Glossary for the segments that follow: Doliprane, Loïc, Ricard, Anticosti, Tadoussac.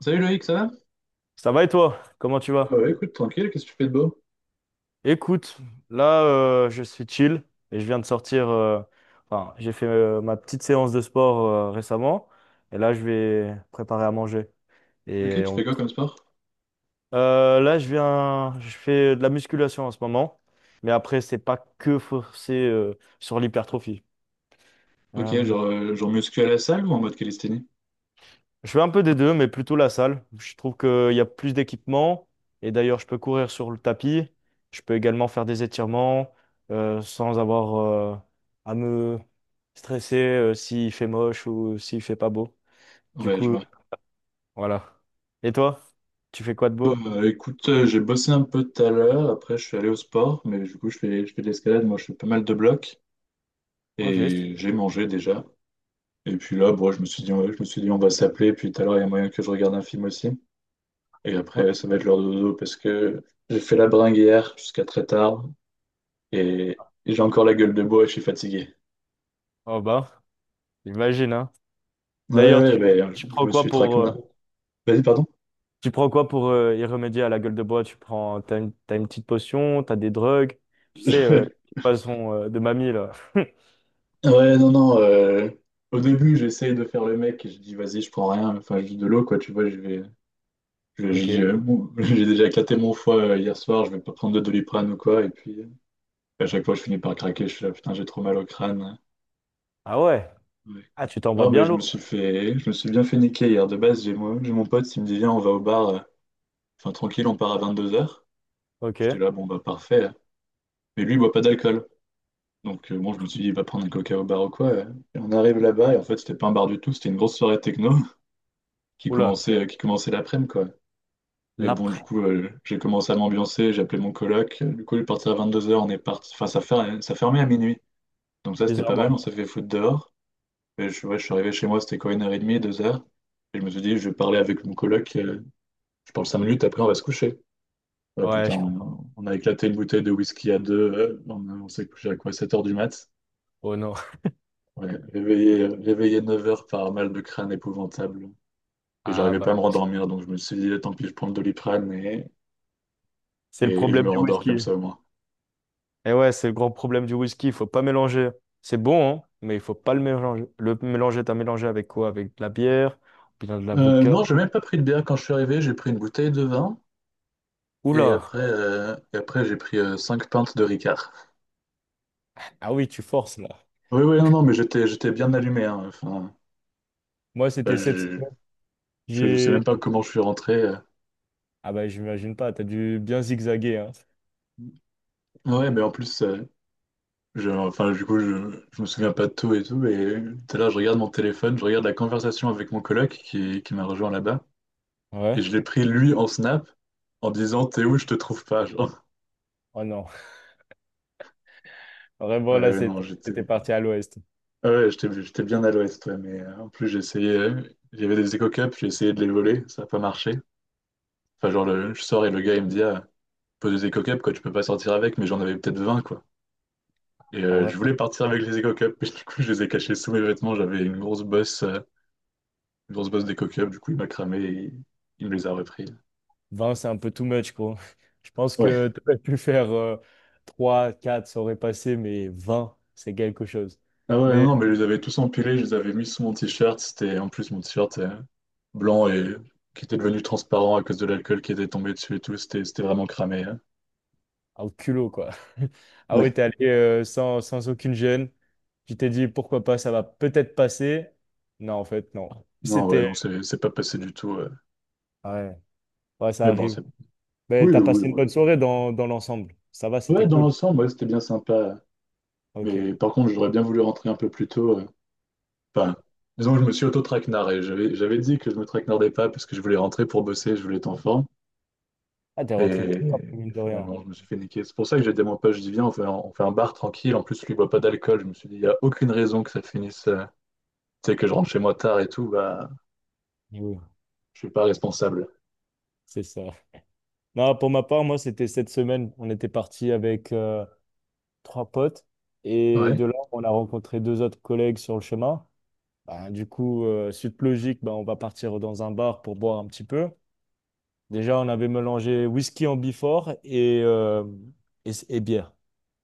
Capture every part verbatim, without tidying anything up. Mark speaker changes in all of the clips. Speaker 1: Salut Loïc, ça va?
Speaker 2: Ça va et toi? Comment tu
Speaker 1: Bah
Speaker 2: vas?
Speaker 1: ouais, écoute, tranquille, qu'est-ce que tu fais de beau?
Speaker 2: Écoute, là euh, je suis chill et je viens de sortir. euh, enfin, j'ai fait euh, ma petite séance de sport euh, récemment, et là je vais préparer à manger.
Speaker 1: Ok,
Speaker 2: Et
Speaker 1: tu
Speaker 2: on-
Speaker 1: fais quoi comme sport?
Speaker 2: Euh, là je viens, je fais de la musculation en ce moment, mais après c'est pas que forcé euh, sur l'hypertrophie.
Speaker 1: Ok,
Speaker 2: Euh,
Speaker 1: genre, euh, genre muscu à la salle ou en mode calisthénie?
Speaker 2: Je fais un peu des deux, mais plutôt la salle. Je trouve qu'il y a plus d'équipements. Et d'ailleurs, je peux courir sur le tapis. Je peux également faire des étirements euh, sans avoir euh, à me stresser euh, s'il fait moche ou s'il fait pas beau. Du
Speaker 1: Ouais, je
Speaker 2: coup,
Speaker 1: vois.
Speaker 2: voilà. Et toi, tu fais quoi de
Speaker 1: Bah
Speaker 2: beau?
Speaker 1: euh, écoute, euh, j'ai bossé un peu tout à l'heure, après je suis allé au sport, mais du coup je fais, je fais de l'escalade, moi je fais pas mal de blocs,
Speaker 2: Ok. c'est-
Speaker 1: et j'ai mangé déjà. Et puis là, bon, je me suis dit, ouais, je me suis dit on va s'appeler, puis tout à l'heure il y a moyen que je regarde un film aussi. Et
Speaker 2: Oh,
Speaker 1: après ça va être l'heure de dodo, parce que j'ai fait la bringue hier jusqu'à très tard, et, et j'ai encore la gueule de bois et je suis fatigué.
Speaker 2: oh bah, j'imagine, hein.
Speaker 1: Ouais,
Speaker 2: D'ailleurs,
Speaker 1: ouais,
Speaker 2: tu,
Speaker 1: mais
Speaker 2: tu
Speaker 1: je
Speaker 2: prends
Speaker 1: me
Speaker 2: quoi
Speaker 1: suis traqué.
Speaker 2: pour?
Speaker 1: Vas-y, pardon?
Speaker 2: Tu prends quoi pour euh, y remédier à la gueule de bois? Tu prends, t'as une, t'as une petite potion, t'as des drogues, tu sais, euh,
Speaker 1: Je-
Speaker 2: qui façon euh, de mamie là.
Speaker 1: Ouais, non, non. euh, Au début, j'essayais de faire le mec et je dis, vas-y, je prends rien, enfin, juste de l'eau, quoi, tu vois, je vais. je- je-
Speaker 2: Ok.
Speaker 1: dis, euh, bon, j'ai déjà éclaté mon foie euh, hier soir, je vais pas prendre de Doliprane ou quoi. Et puis, euh, à chaque fois, je finis par craquer, je suis là, putain, j'ai trop mal au crâne.
Speaker 2: Ah ouais.
Speaker 1: Ouais.
Speaker 2: Ah, tu t'envoies
Speaker 1: Non, mais
Speaker 2: bien
Speaker 1: je me
Speaker 2: lourd.
Speaker 1: suis fait. Je me suis bien fait niquer hier. De base, j'ai moi, j'ai mon pote, il me dit, viens, on va au bar. euh, Enfin, tranquille, on part à vingt-deux heures. J'étais
Speaker 2: Ok.
Speaker 1: là, bon, bah, parfait. Mais lui, il boit pas d'alcool. Donc, euh, bon, je me suis dit, il va prendre un coca au bar ou quoi. euh. Et on arrive là-bas, et en fait, c'était pas un bar du tout, c'était une grosse soirée techno qui
Speaker 2: Oula.
Speaker 1: commençait, euh, qui commençait l'après-midi, quoi. Mais bon, du
Speaker 2: L'après,
Speaker 1: coup, euh, j'ai commencé à m'ambiancer, j'ai appelé mon coloc. euh, Du coup, il est parti à vingt-deux heures, on est parti. Enfin, ça fer- ça fermait à minuit. Donc, ça, c'était pas mal, on
Speaker 2: bizarrement.
Speaker 1: s'est fait foutre dehors. Et je, ouais, je suis arrivé chez moi, c'était quoi, une heure et demie, deux heures. Et je me suis dit, je vais parler avec mon coloc. euh, je parle cinq minutes, après, on va se coucher. Ah,
Speaker 2: Ouais,
Speaker 1: putain,
Speaker 2: je comprends.
Speaker 1: on, on a éclaté une bouteille de whisky à deux. euh, on, on s'est couché à quoi, sept heures du mat.
Speaker 2: Oh non.
Speaker 1: Ouais, réveillé, réveillé neuf heures par un mal de crâne épouvantable. Et
Speaker 2: Ah
Speaker 1: j'arrivais
Speaker 2: bah,
Speaker 1: pas à me
Speaker 2: le whisky.
Speaker 1: rendormir, donc je me suis dit, eh, tant pis, je prends le Doliprane et,
Speaker 2: C'est
Speaker 1: et,
Speaker 2: le
Speaker 1: et je
Speaker 2: problème
Speaker 1: me
Speaker 2: du
Speaker 1: rendors comme
Speaker 2: whisky.
Speaker 1: ça au moins.
Speaker 2: Et ouais, c'est le grand problème du whisky. Il faut pas mélanger. C'est bon, hein, mais il faut pas le mélanger. Le mélanger, t'as mélangé avec quoi? Avec de la bière, ou bien de la
Speaker 1: Euh,
Speaker 2: vodka.
Speaker 1: non, j'ai même pas pris de bière quand je suis arrivé, j'ai pris une bouteille de vin et
Speaker 2: Oula.
Speaker 1: après, euh, et après j'ai pris euh, cinq pintes de Ricard.
Speaker 2: Ah oui, tu forces là.
Speaker 1: Oui, oui, non, non, mais j'étais, j'étais bien allumé, hein. Enfin,
Speaker 2: Moi,
Speaker 1: enfin,
Speaker 2: c'était cette
Speaker 1: je,
Speaker 2: semaine.
Speaker 1: je, je sais même
Speaker 2: J'ai
Speaker 1: pas comment je suis rentré. euh.
Speaker 2: Ah bah, j'imagine pas, t'as dû bien zigzaguer, hein.
Speaker 1: Ouais, mais en plus, euh, je, enfin, du coup, je, je me souviens pas de tout et tout. Et tout à l'heure, je regarde mon téléphone, je regarde la conversation avec mon coloc qui, qui m'a rejoint là-bas. Et
Speaker 2: Ouais.
Speaker 1: je l'ai pris lui en snap en disant t'es où, je te trouve pas. Genre.
Speaker 2: Oh non. Vraiment
Speaker 1: Ouais,
Speaker 2: là,
Speaker 1: ouais, non,
Speaker 2: c'était
Speaker 1: j'étais
Speaker 2: c'était parti à l'ouest.
Speaker 1: ah ouais, j'étais j'étais bien à l'ouest, ouais, mais euh, en plus, j'ai essayé. euh, Il y avait des éco-cups, j'ai essayé de les voler, ça n'a pas marché. Enfin, genre, le- je sors et le gars, il me dit ah, pose des éco-cups, quoi, tu peux pas sortir avec, mais j'en avais peut-être vingt quoi. Et
Speaker 2: Ah
Speaker 1: euh,
Speaker 2: ouais.
Speaker 1: je voulais partir avec les éco-cups, mais du coup, je les ai cachés sous mes vêtements, j'avais une grosse bosse, euh, une grosse bosse d'éco-cups, du coup, il m'a cramé et il, il me les a repris.
Speaker 2: Vingt, c'est un peu too much, quoi. Je pense
Speaker 1: Ouais.
Speaker 2: que t'aurais pu faire euh, trois, quatre, ça aurait passé, mais vingt, c'est quelque chose.
Speaker 1: Ah ouais, non,
Speaker 2: Mais
Speaker 1: non, mais je les avais tous empilés, je les avais mis sous mon t-shirt. C'était en plus mon t-shirt euh, blanc et qui était devenu transparent à cause de l'alcool qui était tombé dessus et tout. C'était c'était vraiment cramé, hein.
Speaker 2: ah, au culot, quoi. Ah
Speaker 1: Ouais.
Speaker 2: oui, t'es allé euh, sans, sans aucune gêne. Tu t'es dit, pourquoi pas, ça va peut-être passer. Non, en fait, non.
Speaker 1: Non, ouais,
Speaker 2: C'était...
Speaker 1: non, c'est c'est pas passé du tout. euh.
Speaker 2: Ouais, ouais, ça
Speaker 1: Mais bon,
Speaker 2: arrive.
Speaker 1: c'est.
Speaker 2: Mais
Speaker 1: Oui,
Speaker 2: t'as
Speaker 1: oui,
Speaker 2: passé une
Speaker 1: ouais.
Speaker 2: bonne soirée dans, dans l'ensemble. Ça va, c'était
Speaker 1: Ouais, dans
Speaker 2: cool.
Speaker 1: l'ensemble, ouais, c'était bien sympa.
Speaker 2: Ok.
Speaker 1: Mais par contre, j'aurais bien voulu rentrer un peu plus tôt. euh. Enfin, disons que je me suis auto-traquenardé. J'avais j'avais dit que je me traquenardais pas parce que je voulais rentrer pour bosser, je voulais être en forme.
Speaker 2: Ah, t'es rentré tôt,
Speaker 1: Et
Speaker 2: quand mine de rien.
Speaker 1: finalement, je me suis fait niquer. C'est pour ça que j'ai dit à mon pote, je dis viens, on fait, un, on fait un bar tranquille. En plus, lui il boit pas d'alcool. Je me suis dit, il n'y a aucune raison que ça finisse, euh, tu sais, que je rentre chez moi tard et tout. Bah,
Speaker 2: Oui,
Speaker 1: je suis pas responsable.
Speaker 2: c'est ça. Non, pour ma part, moi, c'était cette semaine. On était parti avec euh, trois potes. Et
Speaker 1: Ouais,
Speaker 2: de là, on a rencontré deux autres collègues sur le chemin. Ben, du coup, euh, suite logique, ben, on va partir dans un bar pour boire un petit peu. Déjà, on avait mélangé whisky en Bifort et, euh, et, et bière.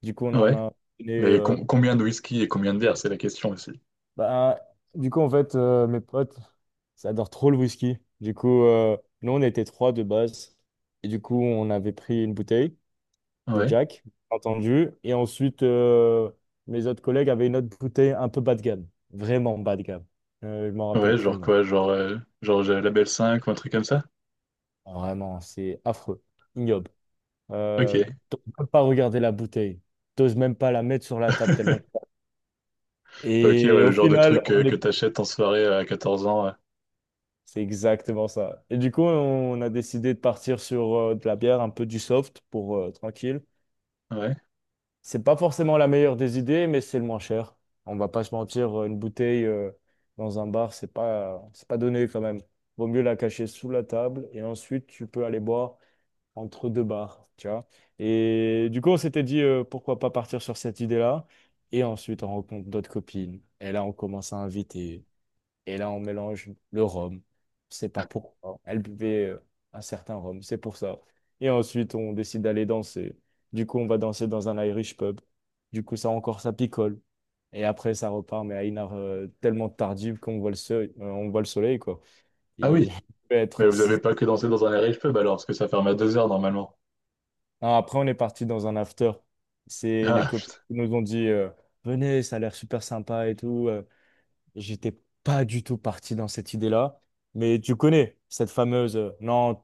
Speaker 2: Du coup, on en
Speaker 1: ouais.
Speaker 2: a donné.
Speaker 1: Mais com- combien de whisky et combien de verres, c'est la question aussi.
Speaker 2: Bah, du coup, en fait, euh, mes potes, ça adore trop le whisky. Du coup, euh, nous, on était trois de base. Et du coup, on avait pris une bouteille de
Speaker 1: Ouais,
Speaker 2: Jack, bien entendu. Et ensuite, euh, mes autres collègues avaient une autre bouteille un peu bas de gamme. Vraiment bas de gamme. Euh, je m'en rappelle
Speaker 1: ouais,
Speaker 2: plus le
Speaker 1: genre
Speaker 2: nom.
Speaker 1: quoi, genre, euh, genre j'ai la belle cinq ou un truc comme ça?
Speaker 2: Vraiment, c'est affreux, ignoble. Euh,
Speaker 1: Ok,
Speaker 2: T'oses même pas regarder la bouteille. T'oses même pas la mettre sur la table tellement.
Speaker 1: ok,
Speaker 2: Et
Speaker 1: ouais, le
Speaker 2: au
Speaker 1: genre de
Speaker 2: final,
Speaker 1: truc euh,
Speaker 2: on
Speaker 1: que
Speaker 2: est.
Speaker 1: t'achètes en soirée euh, à quatorze ans. euh.
Speaker 2: C'est exactement ça. Et du coup, on a décidé de partir sur euh, de la bière, un peu du soft pour euh, tranquille.
Speaker 1: Ouais.
Speaker 2: C'est pas forcément la meilleure des idées, mais c'est le moins cher. On va pas se mentir, euh, une bouteille euh, dans un bar, c'est pas, c'est pas donné quand même. Vaut mieux la cacher sous la table et ensuite tu peux aller boire entre deux bars, tu vois. Et du coup, on s'était dit euh, pourquoi pas partir sur cette idée-là. Et ensuite, on rencontre d'autres copines. Et là, on commence à inviter. Et là, on mélange le rhum. C'est pas pourquoi. Elle buvait euh, un certain rhum, c'est pour ça. Et ensuite, on décide d'aller danser. Du coup, on va danser dans un Irish pub. Du coup, ça encore, ça picole. Et après, ça repart, mais à une heure euh, tellement tardive qu'on voit le soleil, euh, on voit le soleil, quoi.
Speaker 1: Ah
Speaker 2: Et
Speaker 1: oui,
Speaker 2: il peut
Speaker 1: mais
Speaker 2: être
Speaker 1: vous avez
Speaker 2: six heures
Speaker 1: pas que
Speaker 2: du
Speaker 1: dansé
Speaker 2: matin.
Speaker 1: dans un riche pub alors, parce que ça ferme à deux heures normalement.
Speaker 2: Non, après, on est parti dans un after. C'est les
Speaker 1: Ah,
Speaker 2: copines
Speaker 1: putain.
Speaker 2: qui nous ont dit euh, Venez, ça a l'air super sympa et tout. euh. J'étais pas du tout parti dans cette idée-là, mais tu connais cette fameuse euh, non,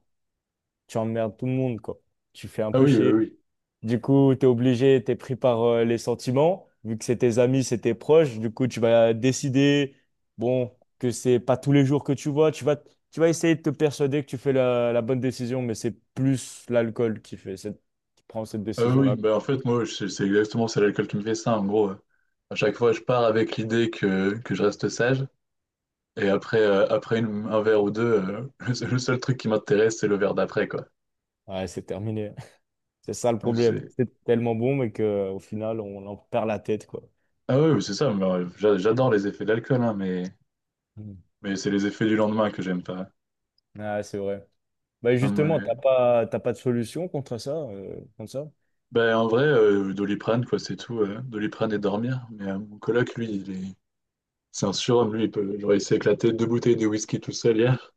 Speaker 2: tu emmerdes tout le monde, quoi. Tu fais un
Speaker 1: Ah
Speaker 2: peu
Speaker 1: oui, oui,
Speaker 2: chier.
Speaker 1: oui.
Speaker 2: Du coup, t'es obligé, t'es pris par euh, les sentiments, vu que c'est tes amis, c'est tes proches. Du coup, tu vas décider, bon, que c'est pas tous les jours que tu vois. Tu vas, tu vas, essayer de te persuader que tu fais la, la bonne décision, mais c'est plus l'alcool qui fait cette, qui prend cette
Speaker 1: Ah oui,
Speaker 2: décision-là.
Speaker 1: bah en fait, moi, je- c'est exactement, c'est l'alcool qui me fait ça, en gros. euh. À chaque fois, je pars avec l'idée que, que je reste sage, et après, euh, après une- un verre ou deux, euh, le seul le seul truc qui m'intéresse, c'est le verre d'après, quoi.
Speaker 2: Ouais, c'est terminé. C'est ça le
Speaker 1: Donc
Speaker 2: problème.
Speaker 1: c'est...
Speaker 2: C'est tellement bon, mais que au final, on en perd la tête, quoi.
Speaker 1: Ah ouais, oui, c'est ça, mais, euh, j'a- j'adore les effets de l'alcool, hein, mais, mais c'est les effets du lendemain que j'aime pas.
Speaker 2: Ah, c'est vrai. Bah
Speaker 1: Enfin,
Speaker 2: justement,
Speaker 1: ouais.
Speaker 2: t'as pas, t'as pas de solution contre ça, euh, contre ça?
Speaker 1: Ben, en vrai, euh, Doliprane, quoi, c'est tout. euh, Doliprane et dormir. Mais euh, mon coloc, lui, il est... c'est un surhomme, lui, il peut... genre, il s'est éclaté deux bouteilles de whisky tout seul hier.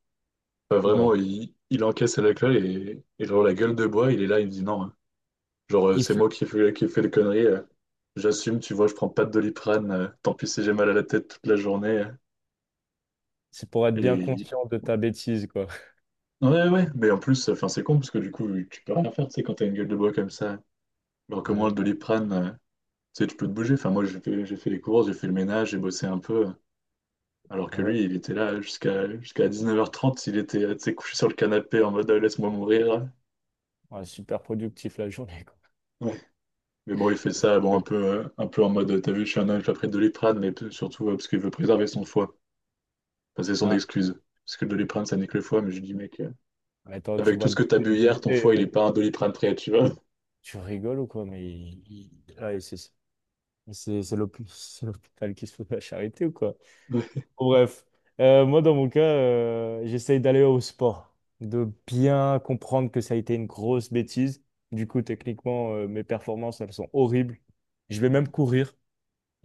Speaker 1: Enfin,
Speaker 2: Ouh là là.
Speaker 1: vraiment, il, il encaisse la claque et, et genre la gueule de bois, il est là, il me dit non, hein. Genre, euh,
Speaker 2: Il
Speaker 1: c'est
Speaker 2: faut-
Speaker 1: moi qui fais, qui fais les conneries. euh, j'assume, tu vois, je prends pas de Doliprane. euh, tant pis si j'ai mal à la tête toute la journée. euh,
Speaker 2: C'est pour être bien
Speaker 1: et
Speaker 2: conscient de ta bêtise, quoi.
Speaker 1: ouais, ouais, mais en plus, enfin, c'est con parce que du coup, tu peux rien faire, tu sais, quand t'as une gueule de bois comme ça. Alors que moi, le
Speaker 2: Vraiment.
Speaker 1: Doliprane, euh, tu sais, tu peux te bouger. Enfin, moi, j'ai fait, j'ai fait les courses, j'ai fait le ménage, j'ai bossé un peu. euh, Alors
Speaker 2: Ah
Speaker 1: que
Speaker 2: ouais.
Speaker 1: lui, il était là jusqu'à jusqu'à dix-neuf heures trente, il était, euh, tu sais, couché sur le canapé en mode euh, laisse-moi mourir. euh.
Speaker 2: Ouais, super productif la journée, quoi.
Speaker 1: Ouais. Mais bon, il fait ça bon, un
Speaker 2: Ouais.
Speaker 1: peu, euh, un peu en mode, t'as vu, je suis un ange après Doliprane, mais p- surtout euh, parce qu'il veut préserver son foie. Enfin, c'est son
Speaker 2: Ah,
Speaker 1: excuse. Parce que le Doliprane, ça nique le foie, mais je lui dis, mec, euh,
Speaker 2: mais attends, tu
Speaker 1: avec tout
Speaker 2: bois
Speaker 1: ce
Speaker 2: de-
Speaker 1: que t'as bu
Speaker 2: de
Speaker 1: hier, ton
Speaker 2: bouteilles,
Speaker 1: foie, il
Speaker 2: euh,
Speaker 1: est pas un Doliprane prêt, tu vois.
Speaker 2: tu rigoles ou quoi? Mais il- il- ah, et c'est c'est c'est l'hôp- c'est l'hôpital qui se fout de la charité ou quoi?
Speaker 1: Ouais,
Speaker 2: Bon, bref. Euh, moi dans mon cas, euh, j'essaye d'aller au sport, de bien comprendre que ça a été une grosse bêtise. Du coup, techniquement, euh, mes performances, elles sont horribles. Je vais même courir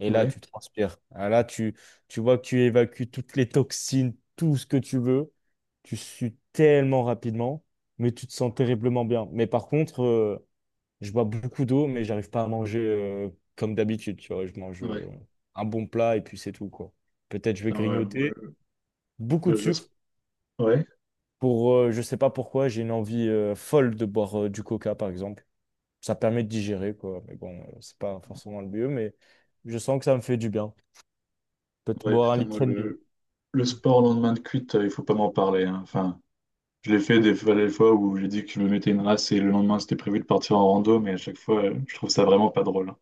Speaker 2: et là,
Speaker 1: ouais,
Speaker 2: tu transpires. Ah, là, tu, tu vois que tu évacues toutes les toxines, tout ce que tu veux. Tu sues tellement rapidement, mais tu te sens terriblement bien. Mais par contre, euh, je bois beaucoup d'eau, mais j'arrive pas à manger euh, comme d'habitude. Tu vois, je mange
Speaker 1: ouais.
Speaker 2: euh, un bon plat et puis c'est tout, quoi. Peut-être je vais
Speaker 1: Putain, ouais, moi,
Speaker 2: grignoter beaucoup de
Speaker 1: le, le
Speaker 2: sucre.
Speaker 1: sp- ouais,
Speaker 2: Pour, euh, je sais pas pourquoi, j'ai une envie euh, folle de boire euh, du coca, par exemple. Ça permet de digérer, quoi. Mais bon, euh, c'est pas forcément le mieux, mais je sens que ça me fait du bien. Peut-être
Speaker 1: ouais,
Speaker 2: boire un
Speaker 1: putain, moi,
Speaker 2: litre et demi.
Speaker 1: le, le sport le lendemain de cuite, euh, il faut pas m'en parler, hein. Enfin, je l'ai fait des fois, des fois où j'ai dit que je me mettais une race et le lendemain, c'était prévu de partir en rando, mais à chaque fois, euh, je trouve ça vraiment pas drôle.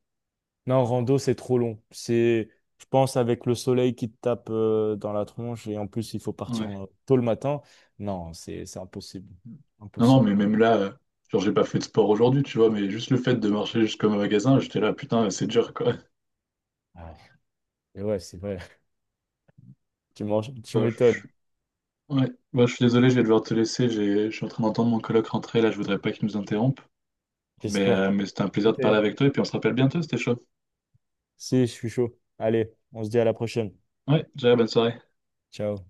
Speaker 2: Non, rando, c'est trop long. C'est, je pense, avec le soleil qui te tape euh, dans la tronche et en plus, il faut partir
Speaker 1: Ouais.
Speaker 2: euh, tôt le matin. Non, c'est, c'est impossible.
Speaker 1: Non, non,
Speaker 2: Impossible.
Speaker 1: mais même là, euh, genre, j'ai pas fait de sport aujourd'hui, tu vois, mais juste le fait de marcher jusqu'au magasin, j'étais là, putain, c'est dur, quoi.
Speaker 2: Ah, et ouais, c'est vrai. Tu manges, tu
Speaker 1: Bah,
Speaker 2: m'étonnes.
Speaker 1: je... Ouais, bah, je suis désolé, je vais devoir te laisser, j'ai... je suis en train d'entendre mon coloc rentrer, là, je voudrais pas qu'il nous interrompe, mais,
Speaker 2: J'espère
Speaker 1: euh,
Speaker 2: pas.
Speaker 1: mais c'était un plaisir de
Speaker 2: Ok,
Speaker 1: parler
Speaker 2: hein.
Speaker 1: avec toi, et puis on se rappelle bientôt, c'était chaud.
Speaker 2: Si, je suis chaud. Allez, on se dit à la prochaine.
Speaker 1: Ouais, déjà, bonne soirée.
Speaker 2: Ciao.